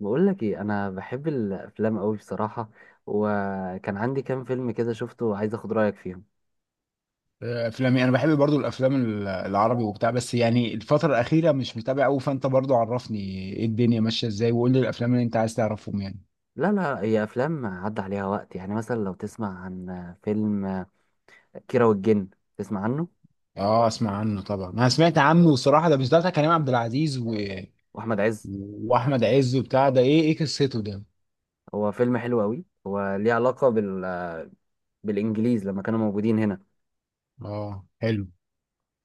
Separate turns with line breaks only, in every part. بقول لك ايه، انا بحب الافلام قوي بصراحه. وكان عندي كام فيلم كده شفته وعايز اخد رايك فيهم.
افلامي انا بحب برضو الافلام العربي وبتاع، بس يعني الفتره الاخيره مش متابع قوي، فانت برضو عرفني ايه الدنيا ماشيه ازاي وقول لي الافلام اللي انت عايز تعرفهم يعني.
لا هي افلام عدى عليها وقت، يعني مثلا لو تسمع عن فيلم كيرة والجن، تسمع عنه.
اه اسمع عنه طبعا، انا سمعت عنه وصراحه ده مش ده بتاع كريم عبد العزيز
واحمد عز.
واحمد عز وبتاع ده، ايه ايه قصته ده؟
هو فيلم حلو قوي، هو ليه علاقه بالانجليز لما كانوا موجودين هنا.
اه حلو.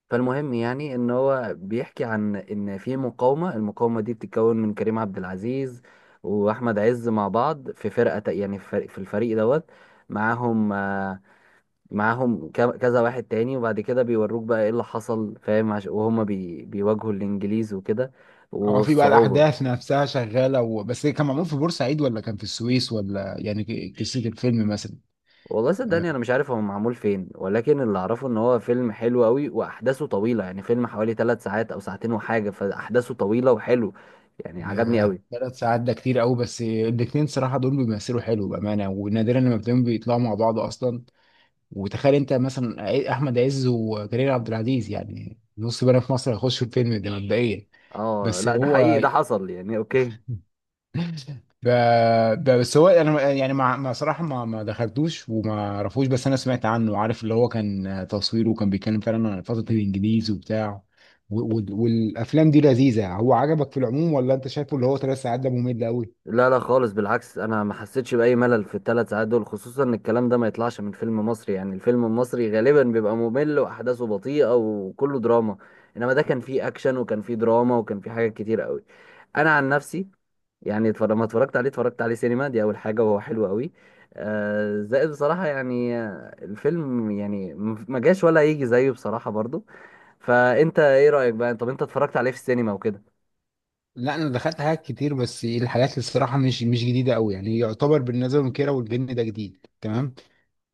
فالمهم يعني ان هو بيحكي عن ان في مقاومه، المقاومه دي بتتكون من كريم عبد العزيز واحمد عز مع بعض في فرقه، يعني في الفريق دوت. معاهم. معاهم كذا واحد تاني، وبعد كده بيوروك بقى ايه اللي حصل، فاهم وهما بيواجهوا الانجليز وكده،
اه في بقى
والصعوبة.
الاحداث نفسها شغاله بس إيه، كان معمول في بورسعيد ولا كان في السويس ولا يعني قصه الفيلم مثلا؟
والله صدقني انا مش عارف هو معمول فين، ولكن اللي اعرفه ان هو فيلم حلو قوي واحداثه طويلة، يعني فيلم حوالي ثلاث ساعات او ساعتين وحاجة، فاحداثه طويلة وحلو، يعني عجبني
ياه
قوي.
ثلاث ساعات ده كتير قوي، بس الاتنين صراحة دول بيمثلوا حلو بأمانة، ونادرا لما بتلاقيهم بيطلعوا مع بعض أصلا. وتخيل أنت مثلا أحمد عز وكريم عبد العزيز، يعني نص بنا في مصر هيخشوا الفيلم ده مبدئيا.
اه،
بس
لا ده حقيقي،
هو
ده حصل يعني. اوكي.
ب... بس هو انا يعني ما صراحه ما دخلتوش وما اعرفوش، بس انا سمعت عنه، عارف اللي هو كان تصويره وكان بيتكلم فعلا عن فتره الانجليز وبتاع. و... و... والافلام دي لذيذه. هو عجبك في العموم ولا انت شايفه اللي هو ثلاث ساعات ده ممل قوي؟
لا خالص، بالعكس انا ما حسيتش باي ملل في الثلاث ساعات دول، خصوصا ان الكلام ده ما يطلعش من فيلم مصري، يعني الفيلم المصري غالبا بيبقى ممل واحداثه بطيئه وكله دراما، انما ده كان فيه اكشن وكان فيه دراما وكان فيه حاجات كتير قوي. انا عن نفسي، يعني اتفرج، ما اتفرجت عليه، اتفرجت عليه سينما دي اول حاجه، وهو حلو قوي. آه زائد بصراحه، يعني الفيلم يعني ما جاش ولا يجي زيه بصراحه برضو. فانت ايه رايك بقى؟ طب انت اتفرجت عليه في السينما وكده؟
لا انا دخلت حاجات كتير، بس الحاجات اللي الصراحه مش جديده قوي، يعني يعتبر بالنسبه للكيره والجن ده جديد تمام.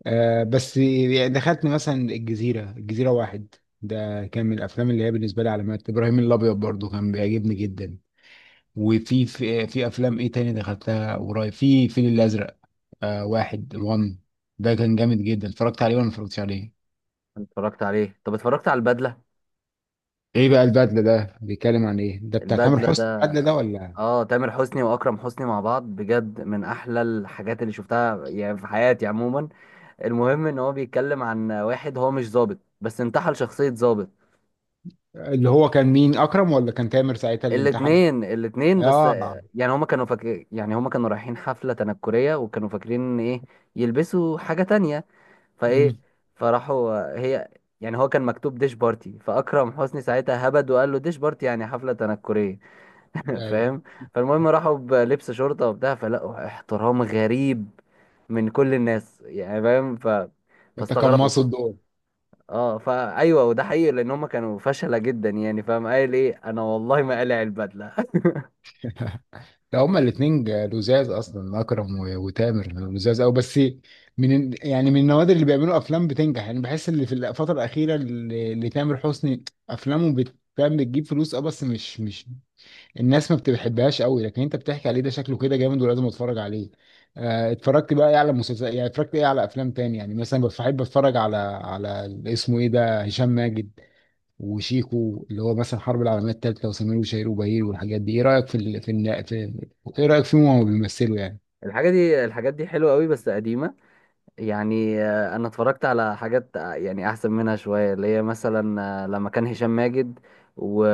آه بس يعني دخلت مثلا الجزيره، الجزيره واحد ده كان من الافلام اللي هي بالنسبه لي علامات، ابراهيم الابيض برضو كان بيعجبني جدا. وفي في, في افلام ايه تاني دخلتها قريب؟ في الفيل الازرق، آه واحد وان ده كان جامد جدا، اتفرجت عليه ولا ما اتفرجتش عليه؟
اتفرجت عليه. طب اتفرجت على البدله؟
ايه بقى البدله ده بيتكلم عن ايه؟ ده بتاع تامر
البدله
حسني
ده،
البدله ده ولا؟
اه، تامر حسني واكرم حسني مع بعض، بجد من احلى الحاجات اللي شفتها يعني في حياتي عموما. المهم ان هو بيتكلم عن واحد هو مش ظابط، بس انتحل شخصية ظابط.
اللي هو كان مين، اكرم ولا كان تامر ساعتها اللي انتحل؟
الاتنين، الاتنين بس.
اه.
يعني هما كانوا فاكر، يعني هما كانوا رايحين حفلة تنكرية، وكانوا فاكرين ان ايه، يلبسوا حاجة تانية. فايه،
امم
فراحوا هي، يعني هو كان مكتوب ديش بارتي، فاكرم حسني ساعتها هبد وقال له ديش بارتي يعني حفلة تنكرية.
ايوه.
فاهم؟ فالمهم راحوا بلبس شرطة وبتاع، فلقوا احترام غريب من كل الناس، يعني فاهم، فاستغربوا.
وتقمصوا الدور.
اه، فايوه، وده حقيقي لان هم كانوا فشلة جدا، يعني فاهم، قايل ايه، انا والله ما قلع البدلة.
ده هما الاثنين لزاز اصلا، اكرم وتامر، لزاز قوي. بس يعني من النوادر اللي بيعملوا افلام بتنجح، يعني بحس اللي في الفتره الاخيره اللي تامر حسني افلامه فاهم بتجيب فلوس، اه بس مش الناس ما بتحبهاش قوي، لكن انت بتحكي عليه ده شكله كده جامد ولازم اتفرج عليه. اتفرجت بقى ايه على مسلسل؟ يعني اتفرجت ايه على افلام تاني؟ يعني مثلا بحب اتفرج على على اسمه ايه ده، هشام ماجد وشيكو اللي هو مثلا الحرب العالميه الثالثه وسمير وشهير وبهير والحاجات دي. ايه رايك في ال... في, الن- في ايه رايك فيهم وهما بيمثلوا يعني؟
الحاجة دي، الحاجات دي حلوة قوي بس قديمة. يعني انا اتفرجت على حاجات يعني احسن منها شويه، اللي هي مثلا لما كان هشام ماجد و...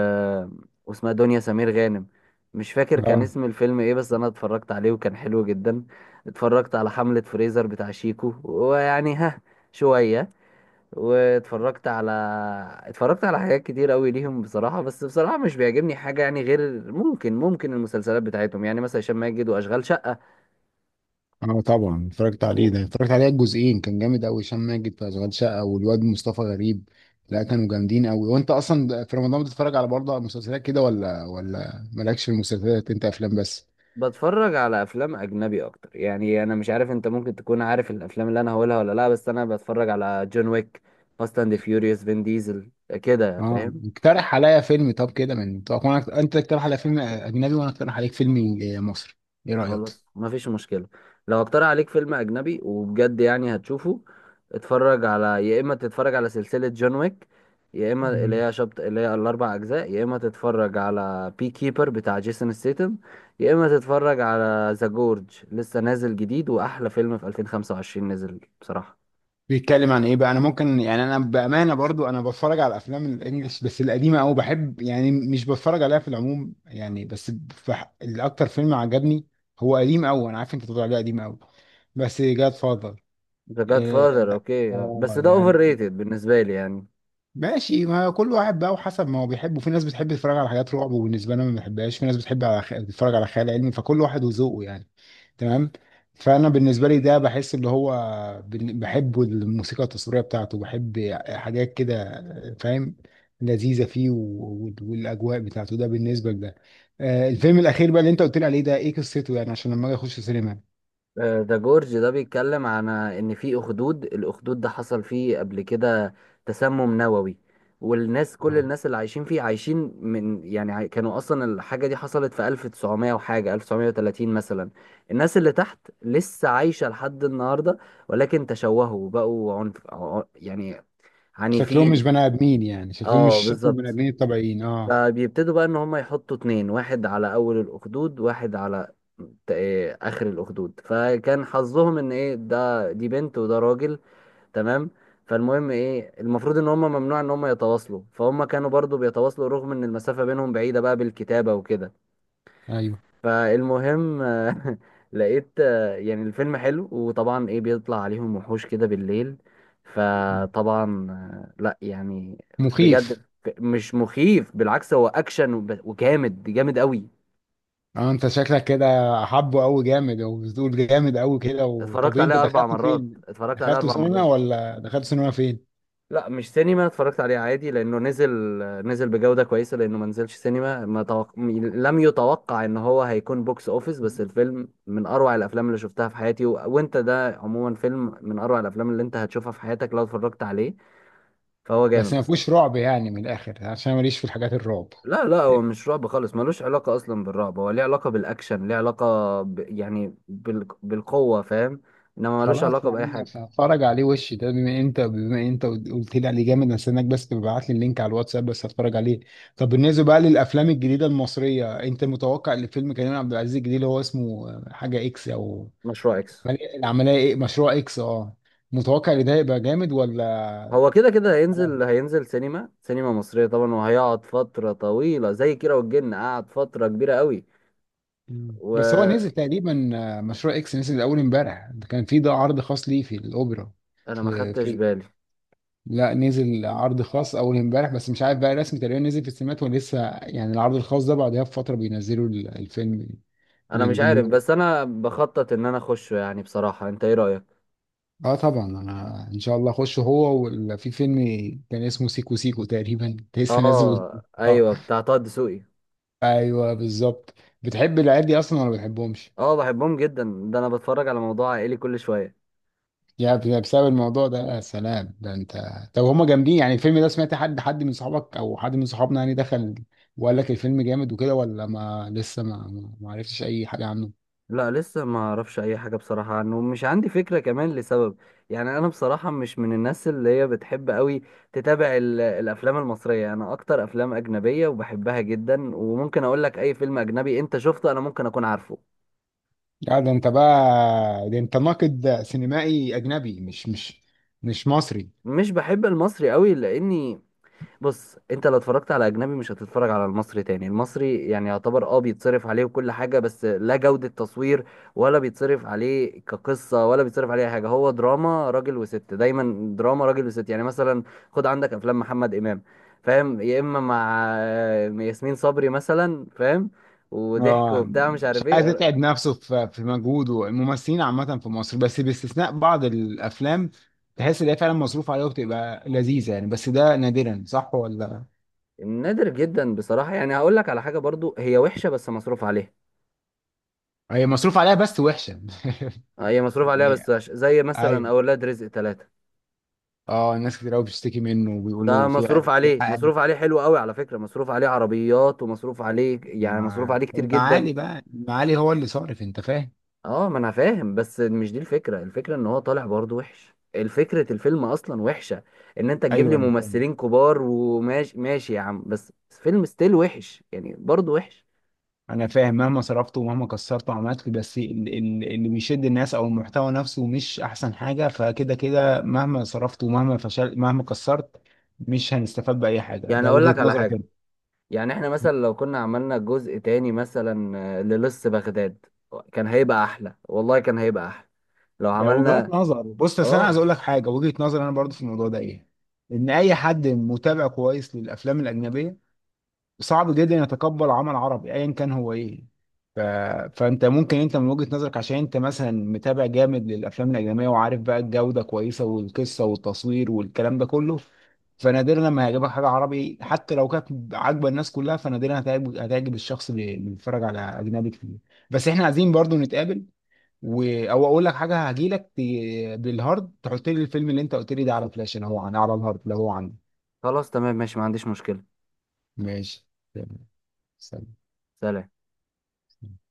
واسمها دنيا سمير غانم، مش فاكر كان
اه.
اسم الفيلم ايه، بس انا اتفرجت عليه وكان حلو جدا. اتفرجت على حملة فريزر بتاع شيكو ويعني ها، شويه. واتفرجت على، اتفرجت على حاجات كتير قوي ليهم بصراحه، بس بصراحه مش بيعجبني حاجه يعني، غير ممكن المسلسلات بتاعتهم، يعني مثلا هشام ماجد واشغال شقه.
اه طبعا اتفرجت عليه، ده اتفرجت عليها الجزئين، كان جامد قوي هشام ماجد في اشغال شقه والواد مصطفى غريب، لا كانوا جامدين قوي. وانت اصلا في رمضان بتتفرج على برضه مسلسلات كده ولا ولا مالكش في المسلسلات، انت افلام بس؟
بتفرج على افلام اجنبي اكتر، يعني انا مش عارف انت ممكن تكون عارف الافلام اللي انا هقولها ولا لا، بس انا بتفرج على جون ويك، فاست اند فيوريوس، فين ديزل، كده
اه
فاهم.
اقترح عليا فيلم، طب كده من طب وانا انت تقترح على فيلم اجنبي وانا اقترح عليك فيلم مصري، ايه رايك؟
خلاص مفيش مشكله. لو اقترح عليك فيلم اجنبي وبجد يعني هتشوفه، اتفرج على، يا اما تتفرج على سلسله جون ويك، يا اما اللي
مم.
هي شبط، اللي هي الاربع اجزاء، يا اما تتفرج على بي كيبر بتاع جيسون ستيتم، يا اما تتفرج على ذا جورج، لسه نازل جديد، واحلى فيلم في 2025 نزل بصراحه.
بيتكلم عن ايه بقى؟ انا ممكن يعني انا بامانه برضو انا بتفرج على الافلام الانجليش بس القديمه قوي، بحب يعني مش بتفرج عليها في العموم يعني. بس الاكتر فيلم عجبني هو قديم قوي، انا عارف انت بتقول عليه قديم قوي، بس جاد فاذر.
ذا جاد
اه.
فاذر، اوكي، اه بس
آه،
ده اوفر
يعني
ريتد بالنسبه لي يعني.
ماشي، ما كل واحد بقى وحسب ما هو بيحبه، في ناس بتحب تتفرج على حاجات رعب وبالنسبه لنا ما بحبهاش، في ناس بتحب تتفرج على خيال علمي، فكل واحد وذوقه يعني. تمام. فانا بالنسبه لي ده بحس اللي هو بحب الموسيقى التصويريه بتاعته، بحب حاجات كده فاهم، لذيذه فيه و... و- والاجواء بتاعته ده بالنسبه لده. آه، الفيلم الاخير بقى اللي انت قلت لي عليه ده ايه قصته يعني عشان لما اجي اخش سينما؟
ذا جورج ده بيتكلم عن ان في اخدود، الاخدود ده حصل فيه قبل كده تسمم نووي، والناس، كل
آه.
الناس اللي عايشين فيه عايشين من يعني كانوا اصلا الحاجه دي حصلت في 1900 وحاجه، 1930 مثلا. الناس اللي تحت لسه عايشه لحد النهارده، ولكن تشوهوا، بقوا عنف يعني
شكلهم
عنيفين.
مش بني ادمين يعني، شكلهم مش
اه
شكل البني
بالظبط.
ادمين الطبيعيين، اه.
فبيبتدوا بقى ان هم يحطوا اتنين، واحد على اول الاخدود، واحد على ت- إيه، اخر الاخدود، فكان حظهم ان ايه، ده دي بنت وده راجل. تمام. فالمهم ايه، المفروض ان هم ممنوع ان هم يتواصلوا، فهم كانوا برضو بيتواصلوا رغم ان المسافة بينهم بعيدة، بقى بالكتابة وكده.
ايوه.
فالمهم لقيت يعني الفيلم حلو، وطبعا ايه، بيطلع عليهم وحوش كده بالليل.
مم.
فطبعا لا يعني
مخيف.
بجد، مش مخيف، بالعكس هو اكشن وب- وجامد جامد قوي.
اه انت شكلك كده حبه قوي جامد، وبتقول جامد قوي كده. و... طب
اتفرجت
إيه انت
عليه اربع
دخلته
مرات،
فين؟
اتفرجت عليه
دخلته
اربع
سينما
مرات.
ولا دخلته سينما فين؟
لا مش سينما، اتفرجت عليه عادي لانه نزل، نزل بجودة كويسة، لانه ما نزلش سينما، ما توق... م- لم يتوقع ان هو هيكون بوكس اوفيس، بس الفيلم من اروع الافلام اللي شفتها في حياتي، وانت ده عموما فيلم من اروع الافلام اللي انت هتشوفها في حياتك لو اتفرجت عليه، فهو
بس
جامد
ما
بصراحة.
فيهوش رعب يعني من الاخر، عشان ماليش في الحاجات الرعب.
لا هو مش رعب خالص، ملوش علاقة اصلا بالرعب، هو ليه علاقة بالاكشن، ليه علاقة يعني بالقوة، فاهم، انما ملوش
خلاص
علاقة
يا
باي
عم،
حاجة.
هتفرج عليه. وش ده، بما انت بما انت قلت لي عليه جامد، استناك بس تبعت لي اللينك على الواتساب بس هتفرج عليه. طب بالنسبه بقى للافلام الجديده المصريه، انت متوقع ان فيلم كريم عبد العزيز الجديد اللي هو اسمه حاجه اكس او
مشروع اكس
العمليه ايه، مشروع اكس، اه متوقع ان ده هيبقى جامد ولا؟
هو كده كده
طبعا.
هينزل، هينزل سينما، سينما مصرية طبعا، وهيقعد فترة طويلة زي كيرة والجن قعد فترة كبيرة قوي.
مم. بس هو
وانا
نزل تقريبا، آه، مشروع اكس نزل اول امبارح، ده كان في ده عرض خاص ليه في الاوبرا.
ما
في
خدتش
في
بالي.
لا نزل عرض خاص اول امبارح، بس مش عارف بقى رسمي تقريبا نزل في السينمات ولا لسه، يعني العرض الخاص ده بعدها بفتره بينزلوا الفيلم
انا مش عارف،
للجمهور.
بس انا بخطط ان انا اخشه يعني بصراحة. انت ايه رأيك؟
اه طبعا، انا ان شاء الله اخش هو في فيلم كان اسمه سيكو سيكو تقريبا لسه نازل.
اه
اه
ايوه، بتاع طه دسوقي.
ايوه بالظبط. بتحب العيال دي اصلا ولا ما بتحبهمش؟
اه بحبهم جدا، ده انا بتفرج على موضوع عائلي كل شوية.
بسبب الموضوع ده يا سلام ده انت. طب هما جامدين يعني الفيلم ده؟ سمعت حد، حد من صحابك او حد من صحابنا يعني دخل وقال لك الفيلم جامد وكده؟ ولا ما لسه ما عرفتش اي حاجة عنه؟
لا لسه ما اعرفش اي حاجه بصراحه عنه، مش عندي فكره، كمان لسبب يعني، انا بصراحه مش من الناس اللي هي بتحب قوي تتابع الافلام المصريه، انا اكتر افلام اجنبيه وبحبها جدا، وممكن اقول لك اي فيلم اجنبي انت شفته انا ممكن اكون عارفه.
لا ده انت بقى، ده انت ناقد سينمائي اجنبي مش مصري.
مش بحب المصري قوي، لاني، بص انت لو اتفرجت على اجنبي مش هتتفرج على المصري تاني، المصري يعني يعتبر اه بيتصرف عليه وكل حاجة، بس لا جودة تصوير، ولا بيتصرف عليه كقصة، ولا بيتصرف عليه أي حاجة، هو دراما راجل وست، دايما دراما راجل وست، يعني مثلا خد عندك افلام محمد امام، فاهم، يا اما مع ياسمين صبري مثلا فاهم، وضحك
اه
وبتاع مش
مش
عارف
عايز
ايه.
يتعب نفسه في في مجهوده، الممثلين عامة في مصر، بس باستثناء بعض الافلام تحس ان هي فعلا مصروف عليها وبتبقى لذيذة يعني، بس ده نادرا، صح ولا؟
نادر جدا بصراحة، يعني هقول لك على حاجة برضو هي وحشة بس مصروف عليها.
هي مصروف عليها بس وحشة.
هي مصروف عليها بس
يعني-
زي مثلا
ايوه.
اولاد رزق ثلاثة.
اه ناس كتير قوي بتشتكي منه
ده
وبيقولوا في
مصروف
في
عليه،
حاجات.
مصروف عليه حلو قوي على فكرة، مصروف عليه عربيات، ومصروف عليه يعني، مصروف عليه كتير جدا.
المعالي بقى، المعالي هو اللي صارف، انت فاهم.
اه ما انا فاهم، بس مش دي الفكرة، الفكرة ان هو طالع برضه وحش، الفكرة الفيلم اصلا وحشة. ان انت تجيب
ايوه
لي
انا فاهم،
ممثلين كبار وماشي ماشي يا عم، بس فيلم ستيل وحش يعني برضه وحش.
انا فاهم، مهما صرفت ومهما كسرت وعملت، بس اللي بيشد الناس او المحتوى نفسه مش احسن حاجه، فكده كده مهما صرفت ومهما فشل مهما كسرت مش هنستفاد باي حاجه،
يعني
ده
اقول
وجهه
لك على
نظرك
حاجة،
انت.
يعني احنا مثلا لو كنا عملنا جزء تاني، مثلا للص بغداد، كان هيبقى احلى والله، كان هيبقى احلى لو
ده وجهات
عملنا.
نظر، بص بس انا عايز
اه
اقول لك حاجه، وجهه نظر انا برضو في الموضوع ده ايه، ان اي حد متابع كويس للافلام الاجنبيه صعب جدا يتقبل عمل عربي ايا كان هو ايه. ف... فانت ممكن انت من وجهة نظرك، عشان انت مثلا متابع جامد للافلام الاجنبيه وعارف بقى الجوده كويسه والقصه والتصوير والكلام ده كله، فنادرا لما هيعجبك حاجه عربي حتى لو كانت عاجبه الناس كلها، فنادرا هتعجب، هتعجب الشخص اللي بيتفرج على اجنبي كتير. بس احنا عايزين برضو نتقابل و... او اقول لك حاجه، هجيلك بالهارد، تحط لي الفيلم اللي انت قلت لي ده على فلاش، انا هو عن على الهارد لو هو عندي.
خلاص تمام ماشي، ما عنديش مشكلة.
ماشي. تمام. سلام.
سلام.